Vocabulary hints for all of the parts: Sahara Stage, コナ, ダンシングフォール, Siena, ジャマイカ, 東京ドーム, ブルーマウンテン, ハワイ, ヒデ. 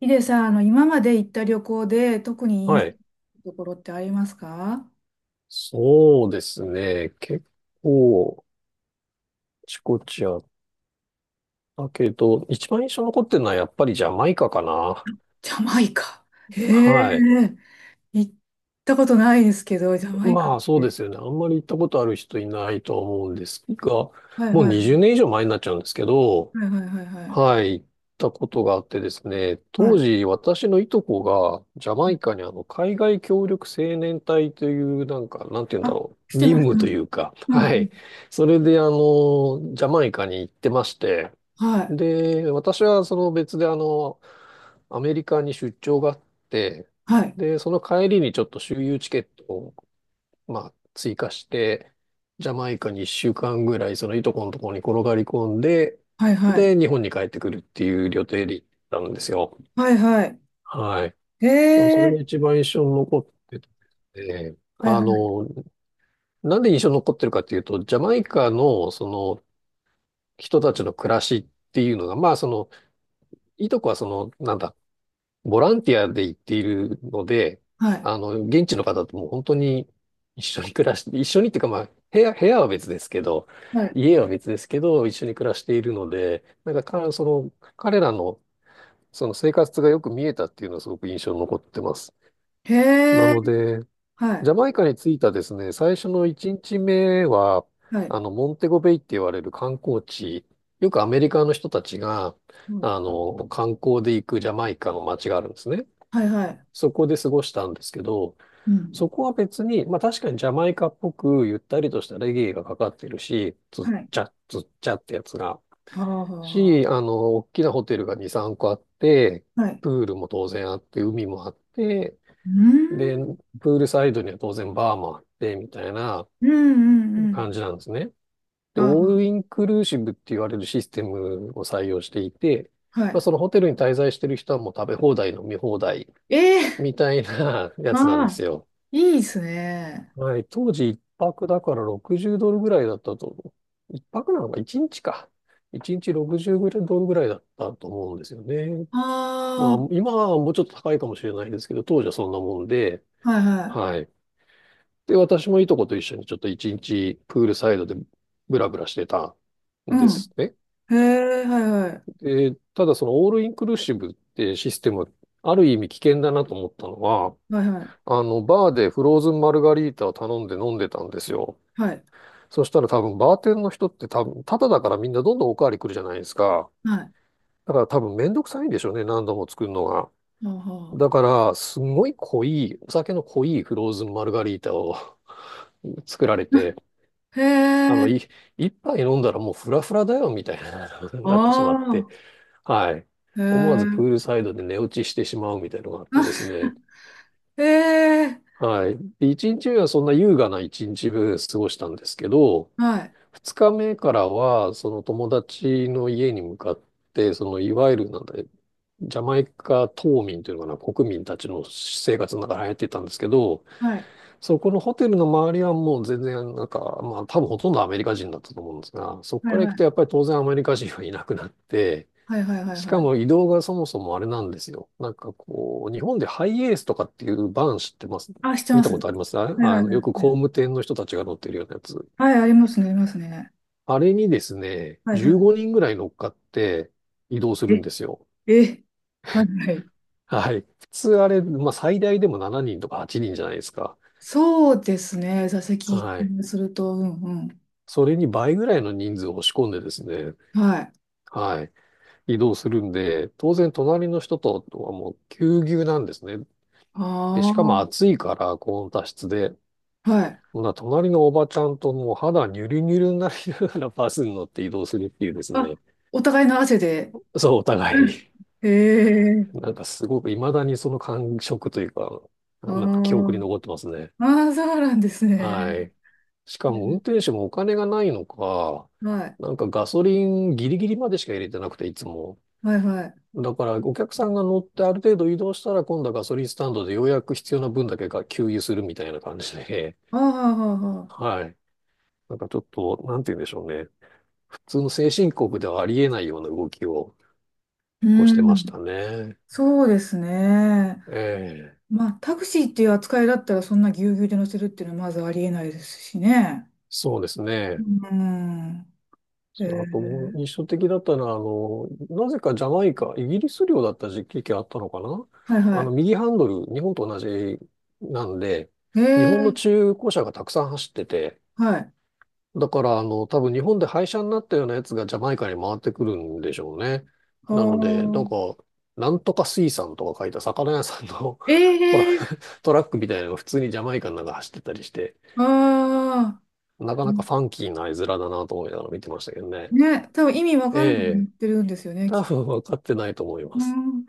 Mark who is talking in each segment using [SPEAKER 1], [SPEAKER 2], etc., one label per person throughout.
[SPEAKER 1] ヒデさん、今まで行った旅行で特にいい
[SPEAKER 2] はい。
[SPEAKER 1] ところってありますか？
[SPEAKER 2] そうですね。結構、あちこちあったけど、一番印象残ってるのはやっぱりジャマイカかな。
[SPEAKER 1] ジャマイカ。へ
[SPEAKER 2] はい。
[SPEAKER 1] え、行ったことないですけど、ジャマイカ
[SPEAKER 2] ま
[SPEAKER 1] っ
[SPEAKER 2] あそうで
[SPEAKER 1] て。
[SPEAKER 2] すよね。あんまり行ったことある人いないと思うんですが、
[SPEAKER 1] はい
[SPEAKER 2] もう
[SPEAKER 1] はい、
[SPEAKER 2] 20年以上前になっちゃうんですけど、
[SPEAKER 1] はいはいはいはい。
[SPEAKER 2] はい。行ったことがあってですね、
[SPEAKER 1] は
[SPEAKER 2] 当
[SPEAKER 1] い。
[SPEAKER 2] 時私のいとこがジャマイカに海外協力青年隊というなんか、なんて言うんだ
[SPEAKER 1] あ、
[SPEAKER 2] ろう。
[SPEAKER 1] して
[SPEAKER 2] 任
[SPEAKER 1] ます、して
[SPEAKER 2] 務と
[SPEAKER 1] ます。
[SPEAKER 2] いうか、
[SPEAKER 1] うん、う
[SPEAKER 2] は
[SPEAKER 1] ん。
[SPEAKER 2] い。それでジャマイカに行ってまして、
[SPEAKER 1] はい、
[SPEAKER 2] で、私はその別でアメリカに出張があって、
[SPEAKER 1] はい、
[SPEAKER 2] で、その帰りにちょっと周遊チケットを、まあ、追加して、ジャマイカに1週間ぐらい、そのいとこのところに転がり込んで、
[SPEAKER 1] はいはい。
[SPEAKER 2] で、日本に帰ってくるっていう予定で行ったんですよ。
[SPEAKER 1] はいはい。
[SPEAKER 2] はい。
[SPEAKER 1] へ
[SPEAKER 2] まあ、それが
[SPEAKER 1] え、
[SPEAKER 2] 一番印象に残ってて、
[SPEAKER 1] はいはい、
[SPEAKER 2] なんで印象に残ってるかっていうと、ジャマイカのその人たちの暮らしっていうのが、まあその、いとこはその、なんだ、ボランティアで行っているので、
[SPEAKER 1] はい、
[SPEAKER 2] 現地の方ともう本当に一緒に暮らして、一緒にっていうかまあ、部屋は別ですけど、
[SPEAKER 1] はい。
[SPEAKER 2] 家は別ですけど、一緒に暮らしているので、なんかか、その、彼らの、その生活がよく見えたっていうのはすごく印象に残ってます。
[SPEAKER 1] へ
[SPEAKER 2] な
[SPEAKER 1] え、
[SPEAKER 2] ので、
[SPEAKER 1] は
[SPEAKER 2] ジ
[SPEAKER 1] い、
[SPEAKER 2] ャマイカに着いたですね、最初の1日目は、
[SPEAKER 1] はい、
[SPEAKER 2] モンテゴベイって言われる観光地、よくアメリカの人たちが、
[SPEAKER 1] うん、
[SPEAKER 2] 観光で行くジャマイカの街があるんですね。
[SPEAKER 1] はいはい。
[SPEAKER 2] そこで過ごしたんですけど、
[SPEAKER 1] うん、
[SPEAKER 2] そこは別に、まあ確かにジャマイカっぽくゆったりとしたレゲエがかかってるし、つ
[SPEAKER 1] は
[SPEAKER 2] っ
[SPEAKER 1] い。
[SPEAKER 2] ちゃつっちゃってやつが、
[SPEAKER 1] はあはあは
[SPEAKER 2] し、大きなホテルが2、3個あって、
[SPEAKER 1] あ。はい。
[SPEAKER 2] プールも当然あって、海もあって、
[SPEAKER 1] うー
[SPEAKER 2] で、
[SPEAKER 1] ん、
[SPEAKER 2] プールサイドには当然バーもあって、みたいな
[SPEAKER 1] うん、うん、うん。
[SPEAKER 2] 感じなんですね。で、オー
[SPEAKER 1] あ、
[SPEAKER 2] ルインクルーシブって言われるシステムを採用していて、
[SPEAKER 1] は
[SPEAKER 2] まあ、そのホテルに滞在してる人はもう食べ放題、飲み放題
[SPEAKER 1] い。ええ
[SPEAKER 2] みたいなや
[SPEAKER 1] ー、
[SPEAKER 2] つな
[SPEAKER 1] あ
[SPEAKER 2] んです
[SPEAKER 1] あ、
[SPEAKER 2] よ。
[SPEAKER 1] いいですね。
[SPEAKER 2] はい、当時一泊だから60ドルぐらいだったと思う。一泊なのか、一日か。一日60ドルぐらいだったと思うんですよね。ま
[SPEAKER 1] あ
[SPEAKER 2] あ、今はもうちょっと高いかもしれないですけど、当時はそんなもんで、
[SPEAKER 1] あ、はいは
[SPEAKER 2] はい。で、私もいとこと一緒にちょっと一日プールサイドでブラブラしてた
[SPEAKER 1] い。
[SPEAKER 2] ん
[SPEAKER 1] う
[SPEAKER 2] です
[SPEAKER 1] ん。
[SPEAKER 2] ね。
[SPEAKER 1] へえ、はいはい。
[SPEAKER 2] で、ただそのオールインクルーシブってシステム、ある意味危険だなと思ったのは、
[SPEAKER 1] はいはい。
[SPEAKER 2] バーでフローズンマルガリータを頼んで飲んでたんですよ。
[SPEAKER 1] はい。
[SPEAKER 2] そしたら多分バーテンの人って多分、タダだからみんなどんどんおかわり来るじゃないですか。
[SPEAKER 1] はい。
[SPEAKER 2] だから多分めんどくさいんでしょうね、何度も作るのが。
[SPEAKER 1] あは
[SPEAKER 2] だから、すごい濃い、お酒の濃いフローズンマルガリータを 作られ
[SPEAKER 1] あ。
[SPEAKER 2] て、
[SPEAKER 1] へ
[SPEAKER 2] あ
[SPEAKER 1] え、
[SPEAKER 2] の、い、一杯飲んだらもうフラフラだよ、みたいな に
[SPEAKER 1] あ
[SPEAKER 2] なってしまって、
[SPEAKER 1] あ、
[SPEAKER 2] はい。
[SPEAKER 1] へ
[SPEAKER 2] 思わ
[SPEAKER 1] え、
[SPEAKER 2] ずプールサイドで寝落ちしてしまうみたいなのがあってです
[SPEAKER 1] あ、
[SPEAKER 2] ね。
[SPEAKER 1] へえ、
[SPEAKER 2] はい。で一日目はそんな優雅な一日過ごしたんですけど、
[SPEAKER 1] はい。
[SPEAKER 2] 二日目からは、その友達の家に向かって、そのいわゆるなんだ、ジャマイカ島民というのかな、国民たちの生活の中に入っていたんですけど、
[SPEAKER 1] はい。
[SPEAKER 2] そこのホテルの周りはもう全然なんか、まあ多分ほとんどアメリカ人だったと思うんですが、そこ
[SPEAKER 1] は
[SPEAKER 2] か
[SPEAKER 1] い
[SPEAKER 2] ら
[SPEAKER 1] は
[SPEAKER 2] 行く
[SPEAKER 1] い。
[SPEAKER 2] とやっぱり当然アメリカ人はいなくなって、
[SPEAKER 1] はいはいはい
[SPEAKER 2] し
[SPEAKER 1] は
[SPEAKER 2] か
[SPEAKER 1] い。
[SPEAKER 2] も移動がそもそもあれなんですよ。なんかこう、日本でハイエースとかっていうバン知ってます？
[SPEAKER 1] あ、して
[SPEAKER 2] 見
[SPEAKER 1] ま
[SPEAKER 2] た
[SPEAKER 1] す。
[SPEAKER 2] ことあります？あ、
[SPEAKER 1] はいはいは
[SPEAKER 2] よ
[SPEAKER 1] い。
[SPEAKER 2] く工務店の人たちが乗ってるようなやつ。
[SPEAKER 1] はい、ありますね、ありますね。
[SPEAKER 2] あれにですね、
[SPEAKER 1] はいは
[SPEAKER 2] 15
[SPEAKER 1] い。
[SPEAKER 2] 人ぐらい乗っかって移動するんですよ。
[SPEAKER 1] え、え、はいはい。
[SPEAKER 2] はい。普通あれ、まあ最大でも7人とか8人じゃないですか。
[SPEAKER 1] そうですね、座席か
[SPEAKER 2] はい。
[SPEAKER 1] らすると、うんうん。
[SPEAKER 2] それに倍ぐらいの人数を押し込んでですね、
[SPEAKER 1] はい。
[SPEAKER 2] はい。移動するんで、当然隣の人とはもうぎゅうぎゅうなんですね。で、
[SPEAKER 1] あ
[SPEAKER 2] しかも
[SPEAKER 1] あ。
[SPEAKER 2] 暑いから高温多湿で、
[SPEAKER 1] はい。
[SPEAKER 2] ほな隣のおばちゃんともう肌ニュルニュルになりながらバスに乗って移動するっていうです
[SPEAKER 1] あ、
[SPEAKER 2] ね。
[SPEAKER 1] お互いの汗で。
[SPEAKER 2] そう、お
[SPEAKER 1] う
[SPEAKER 2] 互
[SPEAKER 1] ん。
[SPEAKER 2] い。
[SPEAKER 1] へえ。
[SPEAKER 2] なんかすごく未だにその感触というか、
[SPEAKER 1] あ
[SPEAKER 2] なんか記憶に
[SPEAKER 1] ー、
[SPEAKER 2] 残ってますね。
[SPEAKER 1] あー、そうなんですね。
[SPEAKER 2] はい。しか
[SPEAKER 1] う
[SPEAKER 2] も運
[SPEAKER 1] ん。
[SPEAKER 2] 転手もお金がないのか、
[SPEAKER 1] はい。
[SPEAKER 2] なんかガソリンギリギリまでしか入れてなくて、いつも。
[SPEAKER 1] はいはい。
[SPEAKER 2] だからお客さんが乗ってある程度移動したら今度はガソリンスタンドでようやく必要な分だけが給油するみたいな感じで、
[SPEAKER 1] ああ、ああ、ああ。
[SPEAKER 2] はい。なんかちょっと、なんて言うんでしょうね。普通の先進国ではありえないような動きを結構して
[SPEAKER 1] う
[SPEAKER 2] ました
[SPEAKER 1] ん。
[SPEAKER 2] ね。
[SPEAKER 1] そうですね。
[SPEAKER 2] ええ。
[SPEAKER 1] まあ、タクシーっていう扱いだったら、そんなぎゅうぎゅうで乗せるっていうのはまずありえないですしね。
[SPEAKER 2] そうです
[SPEAKER 1] う
[SPEAKER 2] ね。
[SPEAKER 1] ん。え
[SPEAKER 2] そうあともう
[SPEAKER 1] ー、
[SPEAKER 2] 印象的だったのは、なぜかジャマイカ、イギリス領だった時期があったのかな？
[SPEAKER 1] はいは
[SPEAKER 2] 右ハンドル、日本と同じなんで、
[SPEAKER 1] い。
[SPEAKER 2] 日本の
[SPEAKER 1] ー、
[SPEAKER 2] 中古車がたくさん走ってて、
[SPEAKER 1] はい。あ
[SPEAKER 2] だから、多分日本で廃車になったようなやつがジャマイカに回ってくるんでしょうね。
[SPEAKER 1] あ。
[SPEAKER 2] なので、なんか、なんとか水産とか書いた魚屋さんの
[SPEAKER 1] え
[SPEAKER 2] トラ、
[SPEAKER 1] え
[SPEAKER 2] トラックみたいなのが普通にジャマイカの中走ってたりして、
[SPEAKER 1] ー、ああ。
[SPEAKER 2] なかなかファンキーな絵面だなと思いながら見てましたけどね。
[SPEAKER 1] ね、多分意味わ
[SPEAKER 2] え
[SPEAKER 1] かんなくなっ
[SPEAKER 2] え。
[SPEAKER 1] てるんですよね。
[SPEAKER 2] 多分分かってないと思いま
[SPEAKER 1] う
[SPEAKER 2] す。
[SPEAKER 1] ん。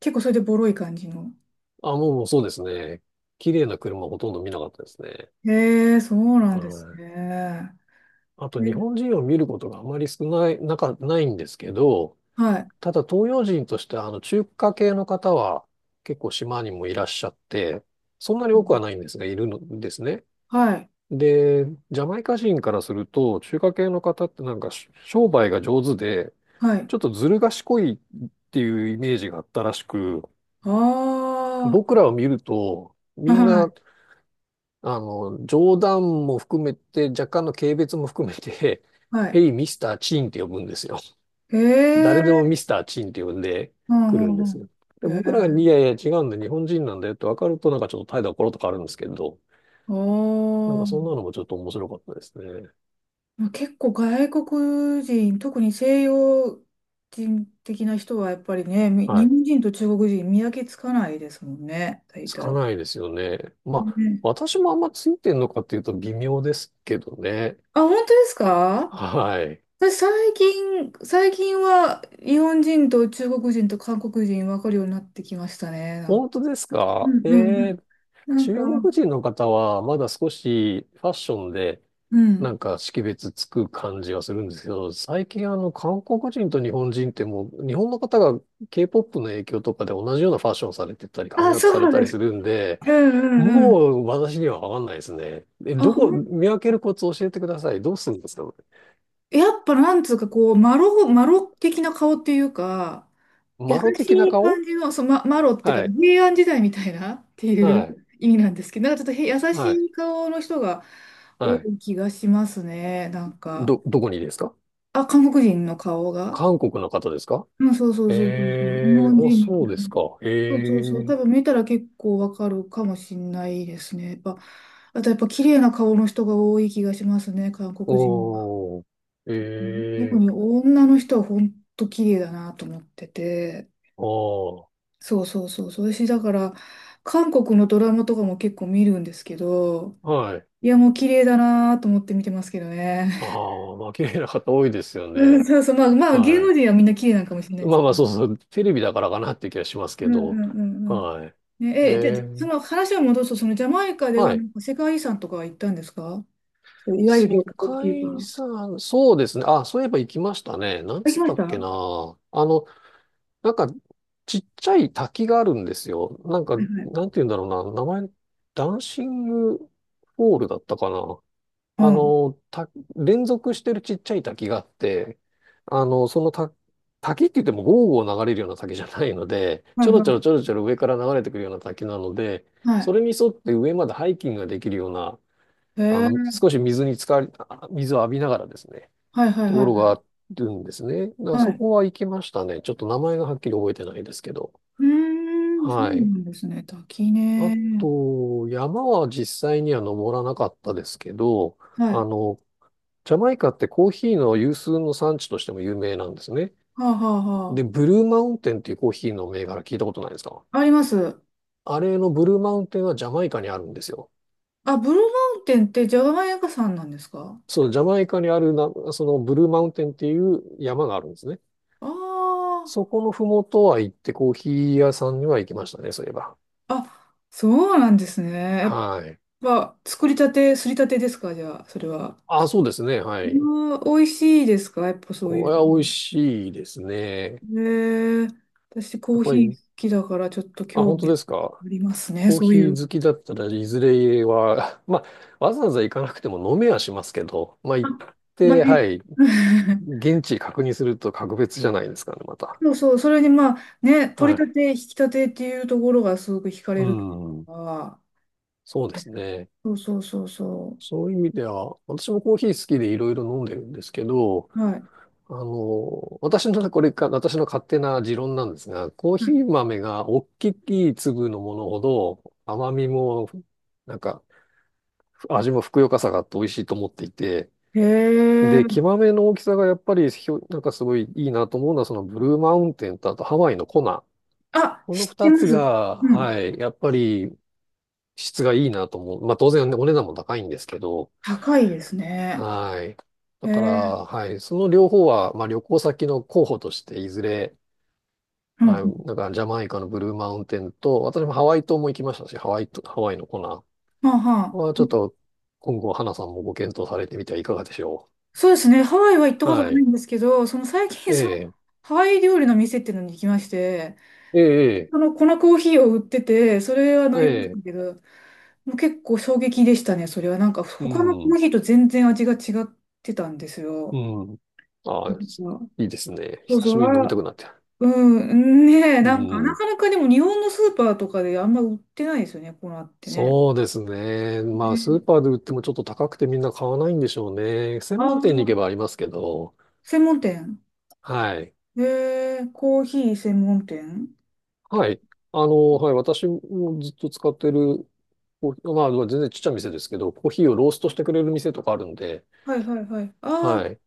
[SPEAKER 1] 結構それでボロい感じの。
[SPEAKER 2] あ、もうそうですね。綺麗な車ほとんど見なかったですね。
[SPEAKER 1] へえ、そう
[SPEAKER 2] は
[SPEAKER 1] なんです
[SPEAKER 2] い。
[SPEAKER 1] ね。
[SPEAKER 2] あと
[SPEAKER 1] で、
[SPEAKER 2] 日本人を見ることがあまり少ない、なか、ないんですけど、
[SPEAKER 1] はい。
[SPEAKER 2] ただ東洋人としてあの中華系の方は結構島にもいらっしゃって、そんなに多くはないんですが、いるんですね。
[SPEAKER 1] はい。
[SPEAKER 2] で、ジャマイカ人からすると、中華系の方ってなんかし商売が上手で、
[SPEAKER 1] はい。
[SPEAKER 2] ちょっとずる賢いっていうイメージがあったらしく、
[SPEAKER 1] あ
[SPEAKER 2] 僕らを見ると、
[SPEAKER 1] あ、
[SPEAKER 2] みん
[SPEAKER 1] は
[SPEAKER 2] な、
[SPEAKER 1] い。
[SPEAKER 2] 冗談も含めて、若干の軽蔑も含めて、
[SPEAKER 1] はい。
[SPEAKER 2] ヘイ、ミスター・チンって呼ぶんですよ。
[SPEAKER 1] へ
[SPEAKER 2] 誰で
[SPEAKER 1] え、
[SPEAKER 2] もミスター・チンって呼んで
[SPEAKER 1] う
[SPEAKER 2] く
[SPEAKER 1] ん
[SPEAKER 2] る
[SPEAKER 1] う
[SPEAKER 2] んですよ。
[SPEAKER 1] んう
[SPEAKER 2] で、
[SPEAKER 1] ん。へえ、
[SPEAKER 2] 僕らが、いやいや、違うんだ、日本人なんだよって分かると、なんかちょっと態度がコロッと変わるんですけど、
[SPEAKER 1] あ
[SPEAKER 2] なんかそん
[SPEAKER 1] あ。
[SPEAKER 2] なのもちょっと面白かったですね。
[SPEAKER 1] まあ結構外国人、特に西洋人的な人はやっぱりね、
[SPEAKER 2] は
[SPEAKER 1] 日
[SPEAKER 2] い。
[SPEAKER 1] 本人と中国人見分けつかないですもんね、大
[SPEAKER 2] つか
[SPEAKER 1] 体。
[SPEAKER 2] ないですよね。まあ、
[SPEAKER 1] ね、
[SPEAKER 2] 私もあんまついてんのかっていうと微妙ですけどね。
[SPEAKER 1] あ、本当ですか？
[SPEAKER 2] はい。
[SPEAKER 1] 私最近は日本人と中国人と韓国人分かるようになってきましたね。なんか、
[SPEAKER 2] 本当です
[SPEAKER 1] う
[SPEAKER 2] か？え
[SPEAKER 1] んうん。
[SPEAKER 2] え。
[SPEAKER 1] なん
[SPEAKER 2] 中
[SPEAKER 1] か、
[SPEAKER 2] 国人の方は、まだ少しファッションで、
[SPEAKER 1] う
[SPEAKER 2] な
[SPEAKER 1] ん。
[SPEAKER 2] んか識別つく感じはするんですけど、最近韓国人と日本人ってもう、日本の方が K-POP の影響とかで同じようなファッションされてたり、髪
[SPEAKER 1] あ、
[SPEAKER 2] 型
[SPEAKER 1] そ
[SPEAKER 2] さ
[SPEAKER 1] う
[SPEAKER 2] れ
[SPEAKER 1] なん
[SPEAKER 2] た
[SPEAKER 1] で
[SPEAKER 2] り
[SPEAKER 1] す。
[SPEAKER 2] するんで、
[SPEAKER 1] うんうんうん。
[SPEAKER 2] もう私にはわかんないですね。え、
[SPEAKER 1] あ、
[SPEAKER 2] どこ、見分けるコツ教えてください。どうするんですか？
[SPEAKER 1] やっぱなんつうかこう、マロ的な顔っていうか、優
[SPEAKER 2] マ
[SPEAKER 1] し
[SPEAKER 2] ロ的な
[SPEAKER 1] い感
[SPEAKER 2] 顔？
[SPEAKER 1] じの、そう、ま、マロっていうか、
[SPEAKER 2] はい。
[SPEAKER 1] 平安時代みたいなってい
[SPEAKER 2] は
[SPEAKER 1] う
[SPEAKER 2] い。
[SPEAKER 1] 意味なんですけど、なんかちょっと優し
[SPEAKER 2] はい。
[SPEAKER 1] い顔の人が多
[SPEAKER 2] はい。
[SPEAKER 1] い気がしますね。なんか、
[SPEAKER 2] どこにですか？
[SPEAKER 1] あ、韓国人の顔が。
[SPEAKER 2] 韓国の方ですか？
[SPEAKER 1] うん、そうそうそうそうそう。日
[SPEAKER 2] ええ
[SPEAKER 1] 本
[SPEAKER 2] ー、あ、
[SPEAKER 1] 人に比
[SPEAKER 2] そうで
[SPEAKER 1] べ
[SPEAKER 2] す
[SPEAKER 1] て、
[SPEAKER 2] か。
[SPEAKER 1] そうそうそう。
[SPEAKER 2] ええ。
[SPEAKER 1] 多分見たら結構わかるかもしんないですね。やっぱ、あとやっぱ綺麗な顔の人が多い気がしますね、韓国人は。
[SPEAKER 2] おー、
[SPEAKER 1] うん、特
[SPEAKER 2] え
[SPEAKER 1] に
[SPEAKER 2] え。
[SPEAKER 1] 女の人は本当綺麗だなと思ってて。
[SPEAKER 2] おー、
[SPEAKER 1] そうそうそうそう。私だから、韓国のドラマとかも結構見るんですけど、
[SPEAKER 2] はい。
[SPEAKER 1] いやもう綺麗だなと思って見てますけどね。
[SPEAKER 2] ああ、まあ、綺麗な方多いですよ
[SPEAKER 1] うん、
[SPEAKER 2] ね。
[SPEAKER 1] そうそう。まあまあ芸
[SPEAKER 2] は
[SPEAKER 1] 能
[SPEAKER 2] い。
[SPEAKER 1] 人はみんな綺麗なのかもしれないです
[SPEAKER 2] まあ
[SPEAKER 1] け
[SPEAKER 2] ま
[SPEAKER 1] ど。
[SPEAKER 2] あ、そうそう、テレビだからかなっていう気がします
[SPEAKER 1] う
[SPEAKER 2] け
[SPEAKER 1] んう
[SPEAKER 2] ど、
[SPEAKER 1] んうんうん。
[SPEAKER 2] はい。
[SPEAKER 1] ね、
[SPEAKER 2] え
[SPEAKER 1] で、そ
[SPEAKER 2] ー、
[SPEAKER 1] の話を戻すと、そのジャマイカで
[SPEAKER 2] は
[SPEAKER 1] はな
[SPEAKER 2] い。
[SPEAKER 1] んか世界遺産とかは行ったんですか？そういわゆる
[SPEAKER 2] 世
[SPEAKER 1] 旅行っていうか。
[SPEAKER 2] 界遺
[SPEAKER 1] あ、
[SPEAKER 2] 産、そうですね。あ、そういえば行きましたね。なん
[SPEAKER 1] 行き
[SPEAKER 2] つっ
[SPEAKER 1] ま
[SPEAKER 2] た
[SPEAKER 1] した。
[SPEAKER 2] っけ
[SPEAKER 1] は
[SPEAKER 2] な。なんか、ちっちゃい滝があるんですよ。なんか、
[SPEAKER 1] いはい。
[SPEAKER 2] なんて言うんだろうな。名前、ダンシングフォールだったかな。
[SPEAKER 1] う
[SPEAKER 2] あ
[SPEAKER 1] ん。
[SPEAKER 2] の、た、連続してるちっちゃい滝があって、あの、そのた、滝って言ってもゴーゴー流れるような滝じゃないので、
[SPEAKER 1] は
[SPEAKER 2] ち
[SPEAKER 1] い
[SPEAKER 2] ょろち
[SPEAKER 1] は
[SPEAKER 2] ょろち
[SPEAKER 1] い。
[SPEAKER 2] ょろちょろ上から流れてくるような滝なので、
[SPEAKER 1] はい。
[SPEAKER 2] それに沿って上までハイキングができるような、
[SPEAKER 1] へ
[SPEAKER 2] あ
[SPEAKER 1] え。
[SPEAKER 2] の、少し水に浸かり、あ水を浴びながらですね、
[SPEAKER 1] はいはい
[SPEAKER 2] と
[SPEAKER 1] はい
[SPEAKER 2] こ
[SPEAKER 1] は
[SPEAKER 2] ろが
[SPEAKER 1] い。
[SPEAKER 2] あるんですね。だから
[SPEAKER 1] は
[SPEAKER 2] そ
[SPEAKER 1] い。
[SPEAKER 2] こは行きましたね。ちょっと名前がはっきり覚えてないですけど。
[SPEAKER 1] うーん、そう
[SPEAKER 2] は
[SPEAKER 1] な
[SPEAKER 2] い。
[SPEAKER 1] んですね。滝
[SPEAKER 2] あ
[SPEAKER 1] ね。
[SPEAKER 2] と、山は実際には登らなかったですけど、
[SPEAKER 1] は
[SPEAKER 2] あ
[SPEAKER 1] い。
[SPEAKER 2] の、ジャマイカってコーヒーの有数の産地としても有名なんですね。
[SPEAKER 1] はあはあ
[SPEAKER 2] で、
[SPEAKER 1] は
[SPEAKER 2] ブルーマウンテンっていうコーヒーの銘柄聞いたことないですか？
[SPEAKER 1] あ。あります。
[SPEAKER 2] あれのブルーマウンテンはジャマイカにあるんですよ。
[SPEAKER 1] あ、ブルーマウンテンってジャマイカ山なんですか？
[SPEAKER 2] そう、ジャマイカにあるな、そのブルーマウンテンっていう山があるんですね。
[SPEAKER 1] あ
[SPEAKER 2] そ
[SPEAKER 1] あ
[SPEAKER 2] このふもとは行ってコーヒー屋さんには行きましたね、そういえば。
[SPEAKER 1] ー。あ、そうなんですね。やっ
[SPEAKER 2] はい。
[SPEAKER 1] ぱ、作りたて、すりたてですか？じゃあ、それは。
[SPEAKER 2] あ、そうですね、はい。
[SPEAKER 1] まあ、美味しいですか？やっぱそうい
[SPEAKER 2] お、い
[SPEAKER 1] う
[SPEAKER 2] や
[SPEAKER 1] の。
[SPEAKER 2] 美味しいですね。
[SPEAKER 1] ねえ。私コ
[SPEAKER 2] やっ
[SPEAKER 1] ー
[SPEAKER 2] ぱ
[SPEAKER 1] ヒー
[SPEAKER 2] り、
[SPEAKER 1] 好きだからちょっと
[SPEAKER 2] あ、
[SPEAKER 1] 興
[SPEAKER 2] 本当
[SPEAKER 1] 味あ
[SPEAKER 2] ですか？
[SPEAKER 1] りますね、
[SPEAKER 2] コー
[SPEAKER 1] そう
[SPEAKER 2] ヒ
[SPEAKER 1] いう。
[SPEAKER 2] ー好きだったら、いずれは、まあ、わざわざ行かなくても飲めはしますけど、まあ、
[SPEAKER 1] あ、
[SPEAKER 2] 行っ
[SPEAKER 1] まあ
[SPEAKER 2] て、は
[SPEAKER 1] ね。
[SPEAKER 2] い、現地確認すると格別じゃないですかね、また。
[SPEAKER 1] そうそう、それにまあね、取
[SPEAKER 2] は
[SPEAKER 1] り立
[SPEAKER 2] い。
[SPEAKER 1] て、引き立てっていうところがすごく惹か
[SPEAKER 2] う
[SPEAKER 1] れる
[SPEAKER 2] ん。
[SPEAKER 1] から。
[SPEAKER 2] そうですね。
[SPEAKER 1] そうそうそうそ
[SPEAKER 2] そういう意味では、私もコーヒー好きでいろいろ飲んでるんですけど、
[SPEAKER 1] う。はい。
[SPEAKER 2] あの、私の、これか、私の勝手な持論なんですが、コー
[SPEAKER 1] は
[SPEAKER 2] ヒー豆が大きい粒のものほど、甘みも、なんか、味もふくよかさがあって美味しいと思っていて、
[SPEAKER 1] い。へえ。
[SPEAKER 2] で、キマメの大きさがやっぱりなんかすごいいいなと思うのは、そのブルーマウンテンとあとハワイのコナ。
[SPEAKER 1] あ、
[SPEAKER 2] この
[SPEAKER 1] 知って
[SPEAKER 2] 二
[SPEAKER 1] ま
[SPEAKER 2] つ
[SPEAKER 1] す。
[SPEAKER 2] が、
[SPEAKER 1] うん。
[SPEAKER 2] はい、やっぱり質がいいなと思う。まあ当然ねお値段も高いんですけど、
[SPEAKER 1] 高いですね。
[SPEAKER 2] はい。
[SPEAKER 1] へ
[SPEAKER 2] だから、
[SPEAKER 1] え。
[SPEAKER 2] はい、その両方は、まあ旅行先の候補として、いずれ、
[SPEAKER 1] う
[SPEAKER 2] はい、
[SPEAKER 1] ん。
[SPEAKER 2] なんからジャマイカのブルーマウンテンと、私もハワイ島も行きましたし、ハワイと、ハワイのコナ
[SPEAKER 1] はあは
[SPEAKER 2] は
[SPEAKER 1] あ。
[SPEAKER 2] ちょっと今後、花さんもご検討されてみてはいかがでしょ
[SPEAKER 1] そうですね。ハワイは行った
[SPEAKER 2] う。
[SPEAKER 1] こと
[SPEAKER 2] は
[SPEAKER 1] ない
[SPEAKER 2] い。
[SPEAKER 1] んですけど、その最近、
[SPEAKER 2] え
[SPEAKER 1] その
[SPEAKER 2] え、
[SPEAKER 1] ハワイ料理の店っていうのに行きまして、
[SPEAKER 2] ええ、
[SPEAKER 1] その粉コーヒーを売ってて、それは
[SPEAKER 2] え
[SPEAKER 1] 飲みまし
[SPEAKER 2] え。
[SPEAKER 1] たけ
[SPEAKER 2] ええ。
[SPEAKER 1] ど、もう結構衝撃でしたね、それは。なんか
[SPEAKER 2] う
[SPEAKER 1] 他のコー
[SPEAKER 2] ん、
[SPEAKER 1] ヒーと全然味が違ってたんです
[SPEAKER 2] う
[SPEAKER 1] よ。
[SPEAKER 2] ん、ああ、
[SPEAKER 1] うん、
[SPEAKER 2] いいですね。
[SPEAKER 1] そう
[SPEAKER 2] 久し
[SPEAKER 1] そう、
[SPEAKER 2] ぶりに飲みた
[SPEAKER 1] あ、
[SPEAKER 2] くなって。
[SPEAKER 1] うん、ねえ、
[SPEAKER 2] う
[SPEAKER 1] なんかな
[SPEAKER 2] ん。
[SPEAKER 1] かなかでも日本のスーパーとかであんま売ってないですよね、粉ってね。
[SPEAKER 2] そうですね。まあ、スーパ
[SPEAKER 1] ね、
[SPEAKER 2] ーで売ってもちょっと高くてみんな買わないんでしょうね。専
[SPEAKER 1] あ
[SPEAKER 2] 門
[SPEAKER 1] あ、
[SPEAKER 2] 店に行けばありますけど。
[SPEAKER 1] 専門店。
[SPEAKER 2] はい。
[SPEAKER 1] コーヒー専門店。
[SPEAKER 2] はい。あの、はい。私もずっと使ってるコーヒー、まあ、全然ちっちゃい店ですけど、コーヒーをローストしてくれる店とかあるんで、
[SPEAKER 1] はいはいはい。ああ、
[SPEAKER 2] はい。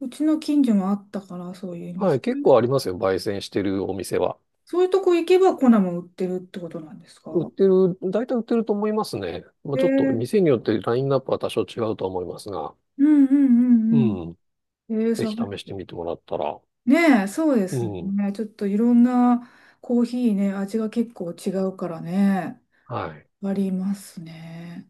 [SPEAKER 1] うちの近所もあったから、そういう
[SPEAKER 2] は
[SPEAKER 1] 店。
[SPEAKER 2] い。結構ありますよ。焙煎してるお店は。
[SPEAKER 1] そういうとこ行けば粉も売ってるってことなんですか？
[SPEAKER 2] 売ってる、大体売ってると思いますね。まあ、
[SPEAKER 1] え
[SPEAKER 2] ちょっと
[SPEAKER 1] ー
[SPEAKER 2] 店によってラインナップは多少違うと思いますが。
[SPEAKER 1] うんうん
[SPEAKER 2] う
[SPEAKER 1] うん
[SPEAKER 2] ん。
[SPEAKER 1] うん。えー
[SPEAKER 2] ぜひ
[SPEAKER 1] さ、
[SPEAKER 2] 試してみてもらったら。
[SPEAKER 1] ねえ、そうで
[SPEAKER 2] う
[SPEAKER 1] す
[SPEAKER 2] ん。
[SPEAKER 1] ね。ちょっといろんなコーヒーね、味が結構違うからね、
[SPEAKER 2] はい。
[SPEAKER 1] ありますね。